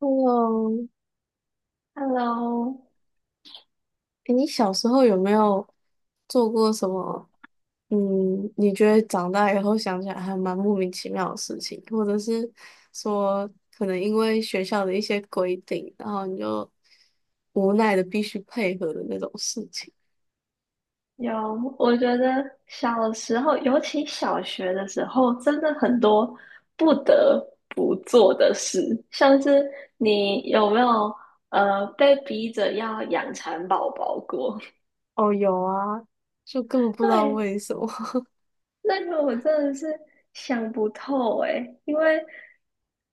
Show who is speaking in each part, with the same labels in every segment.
Speaker 1: 嗯，
Speaker 2: Hello，
Speaker 1: 诶你小时候有没有做过什么？嗯，你觉得长大以后想起来还蛮莫名其妙的事情，或者是说可能因为学校的一些规定，然后你就无奈的必须配合的那种事情？
Speaker 2: 有，我觉得小时候，尤其小学的时候，真的很多不得不做的事，像是你有没有被逼着要养蚕宝宝过？
Speaker 1: 哦，有啊，就根本 不知道
Speaker 2: 对，
Speaker 1: 为什么。
Speaker 2: 那个我真的是想不透诶，因为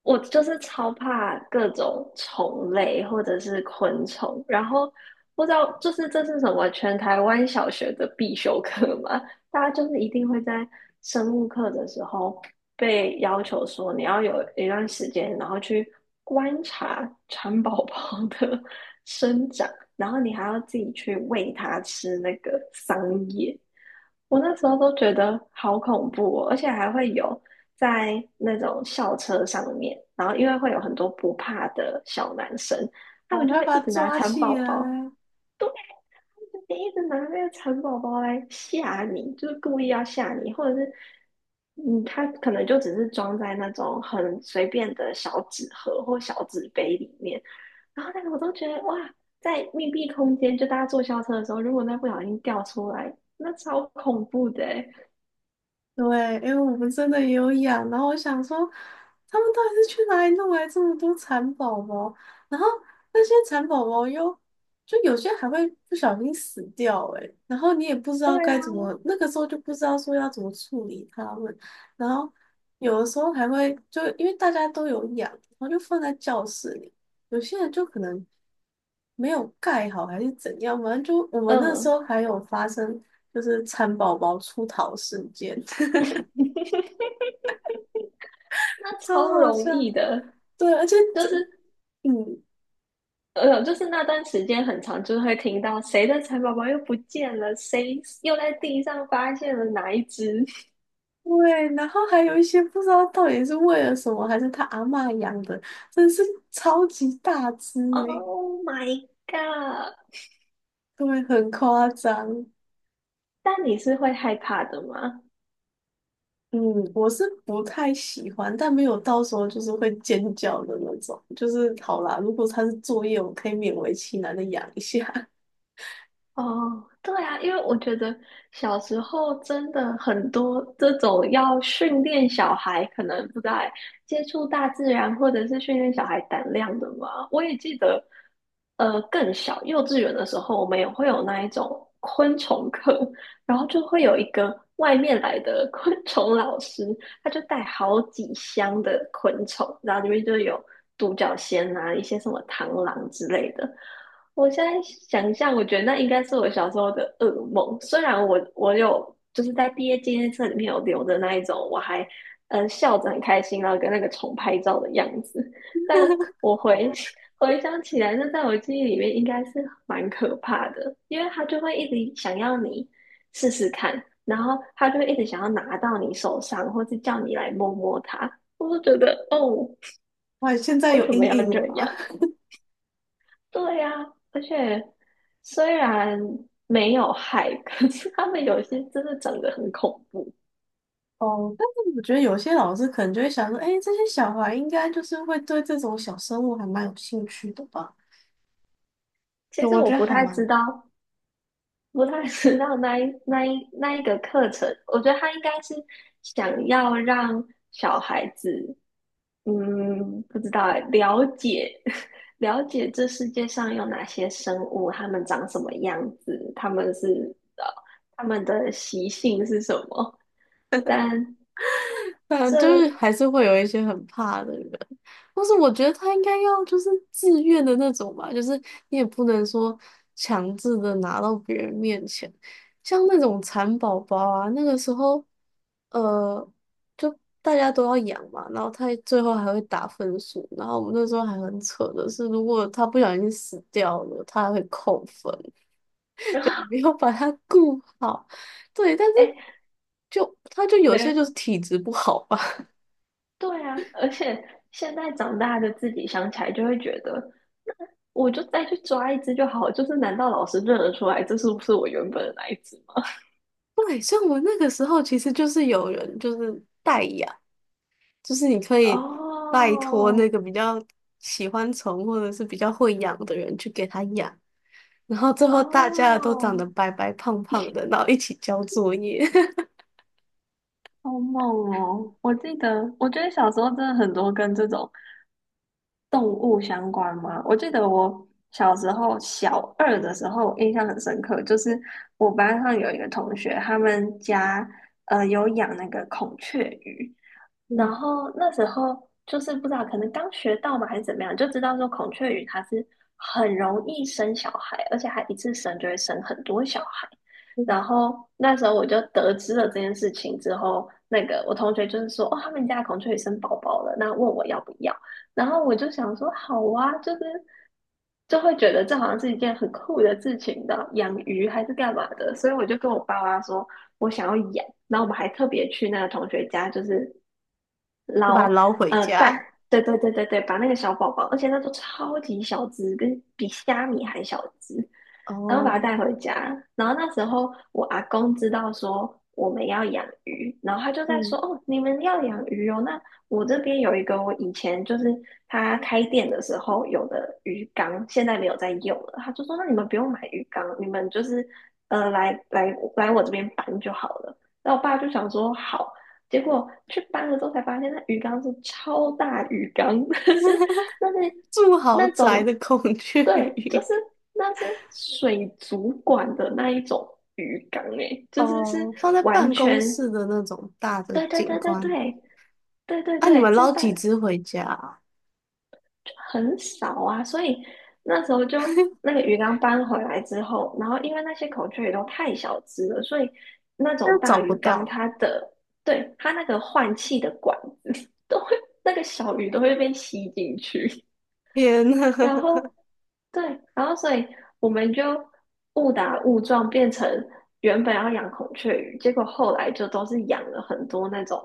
Speaker 2: 我就是超怕各种虫类或者是昆虫，然后不知道就是这是什么全台湾小学的必修课嘛？大家就是一定会在生物课的时候被要求说你要有一段时间，然后去观察蚕宝宝的 生长，然后你还要自己去喂它吃那个桑叶。我那时候都觉得好恐怖哦，而且还会有在那种校车上面，然后因为会有很多不怕的小男生，他
Speaker 1: 我
Speaker 2: 们就
Speaker 1: 快
Speaker 2: 会
Speaker 1: 把
Speaker 2: 一
Speaker 1: 他
Speaker 2: 直拿
Speaker 1: 抓
Speaker 2: 蚕
Speaker 1: 起
Speaker 2: 宝宝，
Speaker 1: 来！
Speaker 2: 对，就一直拿那个蚕宝宝来吓你，就是故意要吓你，或者是他可能就只是装在那种很随便的小纸盒或小纸杯里面，然后那个我都觉得哇，在密闭空间，就大家坐校车的时候，如果那不小心掉出来，那超恐怖的欸。
Speaker 1: 对，因为我们真的也有养，然后我想说，他们到底是去哪里弄来这么多蚕宝宝？然后那些蚕宝宝又，就有些还会不小心死掉、欸，诶，然后你也不知
Speaker 2: 对
Speaker 1: 道
Speaker 2: 啊，
Speaker 1: 该怎么，那个时候就不知道说要怎么处理它们，然后有的时候还会就因为大家都有养，然后就放在教室里，有些人就可能没有盖好还是怎样，反正就我们那时
Speaker 2: 嗯，
Speaker 1: 候还有发生就是蚕宝宝出逃事件。
Speaker 2: 那
Speaker 1: 超
Speaker 2: 超
Speaker 1: 好
Speaker 2: 容
Speaker 1: 笑。
Speaker 2: 易的，
Speaker 1: 对，而且
Speaker 2: 就
Speaker 1: 这，
Speaker 2: 是
Speaker 1: 嗯，
Speaker 2: 就是那段时间很长，就是会听到谁的蚕宝宝又不见了，谁又在地上发现了哪一只。
Speaker 1: 对，然后还有一些不知道到底是为了什么，还是他阿嬷养的，真是超级大只诶，
Speaker 2: Oh my god！
Speaker 1: 对，很夸张。
Speaker 2: 但你是会害怕的吗？
Speaker 1: 嗯，我是不太喜欢，但没有到时候就是会尖叫的那种。就是好啦，如果他是作业，我可以勉为其难的养一下。
Speaker 2: 哦，对啊，因为我觉得小时候真的很多这种要训练小孩，可能不在接触大自然，或者是训练小孩胆量的嘛。我也记得，更小幼稚园的时候，我们也会有那一种昆虫课，然后就会有一个外面来的 昆虫老师，他就带好几箱的昆虫，然后里面就有独角仙啊，一些什么螳螂之类的。我现在想象，我觉得那应该是我小时候的噩梦。虽然我有就是在毕业纪念册里面有留的那一种，我还笑着很开心，然后跟那个虫拍照的样子，但 我回 回想起来，那在我记忆里面应该是蛮可怕的，因为他就会一直想要你试试看，然后他就会一直想要拿到你手上，或是叫你来摸摸它。我就觉得，哦，
Speaker 1: 哇，现在
Speaker 2: 为
Speaker 1: 有
Speaker 2: 什么
Speaker 1: 阴
Speaker 2: 要
Speaker 1: 影
Speaker 2: 这
Speaker 1: 吧？
Speaker 2: 样？对呀，而且虽然没有害，可是他们有些真的长得很恐怖。
Speaker 1: 哦，但是我觉得有些老师可能就会想说，哎，这些小孩应该就是会对这种小生物还蛮有兴趣的吧？
Speaker 2: 其
Speaker 1: 就
Speaker 2: 实
Speaker 1: 我
Speaker 2: 我
Speaker 1: 觉得
Speaker 2: 不
Speaker 1: 还
Speaker 2: 太知
Speaker 1: 蛮
Speaker 2: 道，不太知道那一个课程，我觉得他应该是想要让小孩子，不知道欸了解 了解这世界上有哪些生物，它们长什么样子，它们的习性是什么，但
Speaker 1: 反正就
Speaker 2: 这。
Speaker 1: 是 还是会有一些很怕的人，但是我觉得他应该要就是自愿的那种吧，就是你也不能说强制的拿到别人面前，像那种蚕宝宝啊，那个时候，呃，就大家都要养嘛，然后他最后还会打分数，然后我们那时候还很扯的是，如果他不小心死掉了，他还会扣分，
Speaker 2: 然
Speaker 1: 对，你
Speaker 2: 后，
Speaker 1: 没有把他顾好，对，但是
Speaker 2: 哎，
Speaker 1: 就他就有些就
Speaker 2: 没，
Speaker 1: 是体质不好吧。
Speaker 2: 对啊，而且现在长大的自己想起来就会觉得，我就再去抓一只就好，就是难道老师认得出来这是不是我原本的那一只吗？
Speaker 1: 对，像我那个时候其实就是有人就是代养，就是你可以拜托
Speaker 2: 哦
Speaker 1: 那个比较喜欢宠或者是比较会养的人去给他养，然后最后大家都
Speaker 2: 哦，
Speaker 1: 长得白白胖胖的，然后一起交作业，
Speaker 2: 好猛哦！我记得，我觉得小时候真的很多跟这种动物相关嘛。我记得我小时候小二的时候，印象很深刻，就是我班上有一个同学，他们家有养那个孔雀鱼，然
Speaker 1: 嗯
Speaker 2: 后那时候就是不知道，可能刚学到嘛，还是怎么样，就知道说孔雀鱼它是很容易生小孩，而且还一次生就会生很多小孩。
Speaker 1: 嗯，
Speaker 2: 然后那时候我就得知了这件事情之后，那个我同学就是说，哦，他们家的孔雀鱼生宝宝了，那问我要不要。然后我就想说，好啊，就是就会觉得这好像是一件很酷的事情的，养鱼还是干嘛的，所以我就跟我爸妈说我想要养，然后我们还特别去那个同学家，就是
Speaker 1: 就把它
Speaker 2: 捞
Speaker 1: 捞回
Speaker 2: 蛋，
Speaker 1: 家。
Speaker 2: 对对对对对，把那个小宝宝，而且那都超级小只，跟比虾米还小只，然后把它
Speaker 1: 哦，
Speaker 2: 带回家。然后那时候我阿公知道说我们要养鱼，然后他就在
Speaker 1: 嗯，
Speaker 2: 说：“哦，你们要养鱼哦，那我这边有一个我以前就是他开店的时候有的鱼缸，现在没有在用了。”他就说：“那你们不用买鱼缸，你们就是来来来我这边搬就好了。”然后我爸就想说：“好。”结果去搬了之后才发现，那鱼缸是超大鱼缸，是那是
Speaker 1: 住豪
Speaker 2: 那
Speaker 1: 宅
Speaker 2: 种。
Speaker 1: 的孔雀
Speaker 2: 对，就
Speaker 1: 鱼，
Speaker 2: 是那是水族馆的那一种鱼缸诶，就是是
Speaker 1: 哦，放在
Speaker 2: 完
Speaker 1: 办公
Speaker 2: 全，
Speaker 1: 室的那种大的
Speaker 2: 对对
Speaker 1: 景
Speaker 2: 对对
Speaker 1: 观。
Speaker 2: 对对对
Speaker 1: 啊，你
Speaker 2: 对，
Speaker 1: 们
Speaker 2: 是
Speaker 1: 捞
Speaker 2: 办
Speaker 1: 几只回家啊？
Speaker 2: 就很少啊，所以那时候就那 个鱼缸搬回来之后，然后因为那些孔雀鱼都太小只了，所以那
Speaker 1: 又
Speaker 2: 种
Speaker 1: 找
Speaker 2: 大
Speaker 1: 不
Speaker 2: 鱼缸
Speaker 1: 到，
Speaker 2: 它的，对，它那个换气的管子 都会，那个小鱼都会被吸进去，
Speaker 1: 天呐！
Speaker 2: 然后对，然后所以我们就误打误撞变成原本要养孔雀鱼，结果后来就都是养了很多那种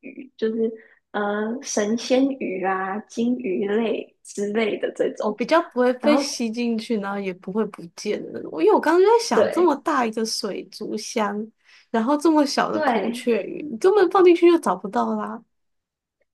Speaker 2: 鱼，就是神仙鱼啊、金鱼类之类的这
Speaker 1: 我
Speaker 2: 种。
Speaker 1: 比较不会
Speaker 2: 然
Speaker 1: 被
Speaker 2: 后
Speaker 1: 吸进去，然后也不会不见的那种。因为我刚刚就在想，这
Speaker 2: 对
Speaker 1: 么大一个水族箱，然后这么小的孔
Speaker 2: 对，
Speaker 1: 雀鱼，你根本放进去就找不到啦。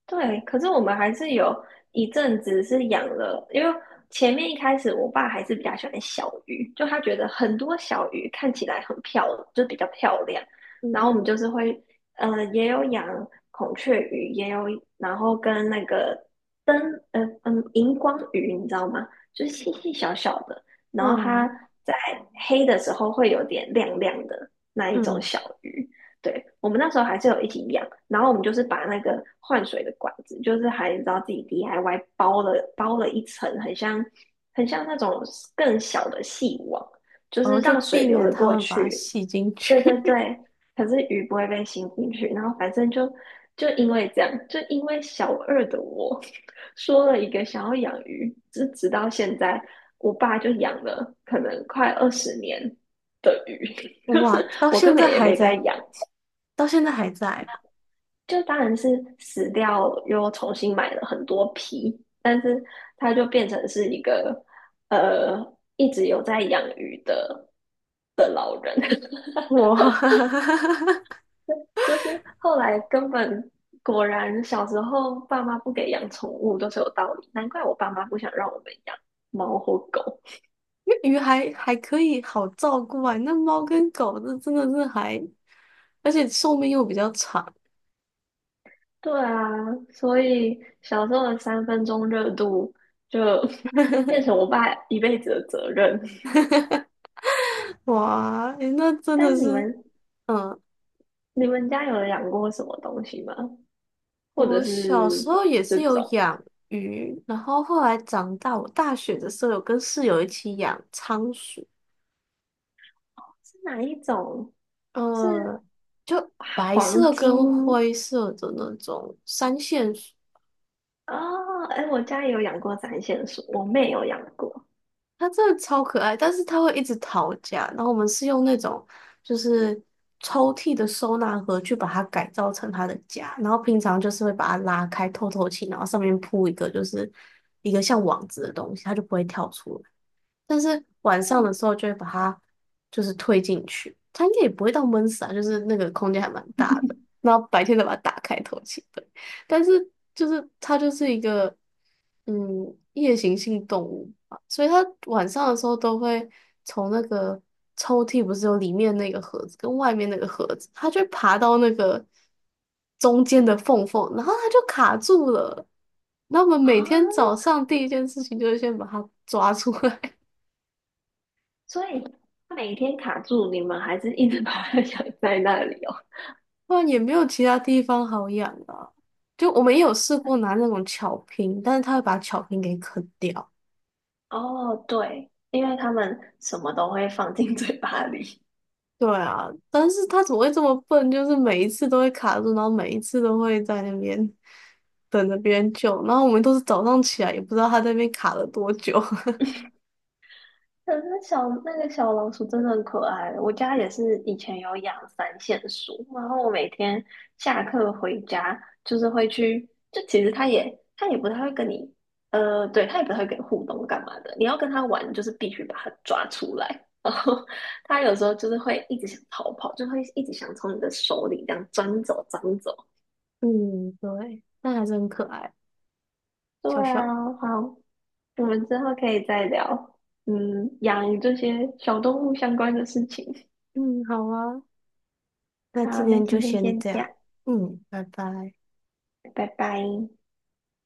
Speaker 2: 对，可是我们还是有一阵子是养了，因为前面一开始我爸还是比较喜欢小鱼，就他觉得很多小鱼看起来很漂亮，就比较漂亮。然
Speaker 1: 嗯
Speaker 2: 后我们就是会，也有养孔雀鱼，也有，然后跟那个灯，荧光鱼，你知道吗？就是细细小小的，然后它
Speaker 1: 嗯
Speaker 2: 在黑的时候会有点亮亮的那一种
Speaker 1: 嗯，
Speaker 2: 小鱼。对，我们那时候还是有一起养，然后我们就是把那个换水的管子，就是还你知道自己 DIY 包了一层，很像很像那种更小的细网，就
Speaker 1: 然
Speaker 2: 是
Speaker 1: 后就
Speaker 2: 让水
Speaker 1: 避
Speaker 2: 流
Speaker 1: 免
Speaker 2: 得
Speaker 1: 它
Speaker 2: 过
Speaker 1: 们把它
Speaker 2: 去。
Speaker 1: 吸进
Speaker 2: 对对
Speaker 1: 去。
Speaker 2: 对，可是鱼不会被吸进去。然后反正就因为这样，就因为小二的我 说了一个想要养鱼，直到现在，我爸就养了可能快20年的鱼，就是
Speaker 1: 哇，到
Speaker 2: 我根
Speaker 1: 现
Speaker 2: 本
Speaker 1: 在
Speaker 2: 也
Speaker 1: 还
Speaker 2: 没在
Speaker 1: 在，
Speaker 2: 养。
Speaker 1: 到现在还在
Speaker 2: 就当然是死掉，又重新买了很多皮，但是它就变成是一个呃一直有在养鱼的，
Speaker 1: 哦。哇，
Speaker 2: 就是后来根本果然小时候爸妈不给养宠物都是有道理，难怪我爸妈不想让我们养猫或狗。
Speaker 1: 因为鱼还可以好照顾啊，那猫跟狗这真的是还，而且寿命又比较长。
Speaker 2: 对啊，所以小时候的三分钟热度就 变成我爸一辈子的责任。
Speaker 1: 哇，诶那 真的
Speaker 2: 但你
Speaker 1: 是。
Speaker 2: 们
Speaker 1: 嗯，
Speaker 2: 你们家有养过什么东西吗？或者
Speaker 1: 我小时
Speaker 2: 是
Speaker 1: 候也
Speaker 2: 这
Speaker 1: 是有
Speaker 2: 种
Speaker 1: 养鱼，然后后来长大，我大学的时候有跟室友一起养仓鼠，
Speaker 2: 是哪一种？是
Speaker 1: 呃，就白
Speaker 2: 黄
Speaker 1: 色跟
Speaker 2: 金
Speaker 1: 灰色的那种三线鼠，
Speaker 2: 哦，哎，我家也有养过展线鼠，我妹有养过
Speaker 1: 它真的超可爱，但是它会一直逃家。然后我们是用那种就是抽屉的收纳盒去把它改造成它的家，然后平常就是会把它拉开透透气，然后上面铺一个就是一个像网子的东西，它就不会跳出来。但是晚上的
Speaker 2: 嗯
Speaker 1: 时候就会把它就是推进去，它应该也不会到闷死啊，就是那个空间还蛮大的。然后白天再把它打开透气，对。但是就是它就是一个夜行性动物嘛，所以它晚上的时候都会从那个抽屉不是有里面那个盒子跟外面那个盒子，它就会爬到那个中间的缝缝，然后它就卡住了。那我们
Speaker 2: 啊，
Speaker 1: 每天早上第一件事情就是先把它抓出来。
Speaker 2: 所以每天卡住，你们还是一直 把它养在那里哦。
Speaker 1: 不然也没有其他地方好养啊。就我们也有试过拿那种巧拼，但是它会把巧拼给啃掉。
Speaker 2: 哦，对，因为他们什么都会放进嘴巴里，
Speaker 1: 对啊，但是它怎么会这么笨？就是每一次都会卡住，然后每一次都会在那边等着别人救，然后我们都是早上起来也不知道它在那边卡了多久。
Speaker 2: 可是小那个小老鼠真的很可爱，我家也是以前有养三线鼠，然后我每天下课回家就是会去，就其实它也它也不太会跟你，呃，对，它也不太会跟你互动干嘛的，你要跟它玩就是必须把它抓出来，然后 它有时候就是会一直想逃跑，就会一直想从你的手里这样钻走钻走。
Speaker 1: 嗯，对，但还是很可爱，
Speaker 2: 对
Speaker 1: 小小。
Speaker 2: 啊，好，我们之后可以再聊，嗯，养这些小动物相关的事情。
Speaker 1: 嗯，好啊，那
Speaker 2: 好，
Speaker 1: 今
Speaker 2: 那
Speaker 1: 天就
Speaker 2: 今天
Speaker 1: 先
Speaker 2: 先
Speaker 1: 这
Speaker 2: 这样，
Speaker 1: 样。嗯，拜拜。
Speaker 2: 拜拜。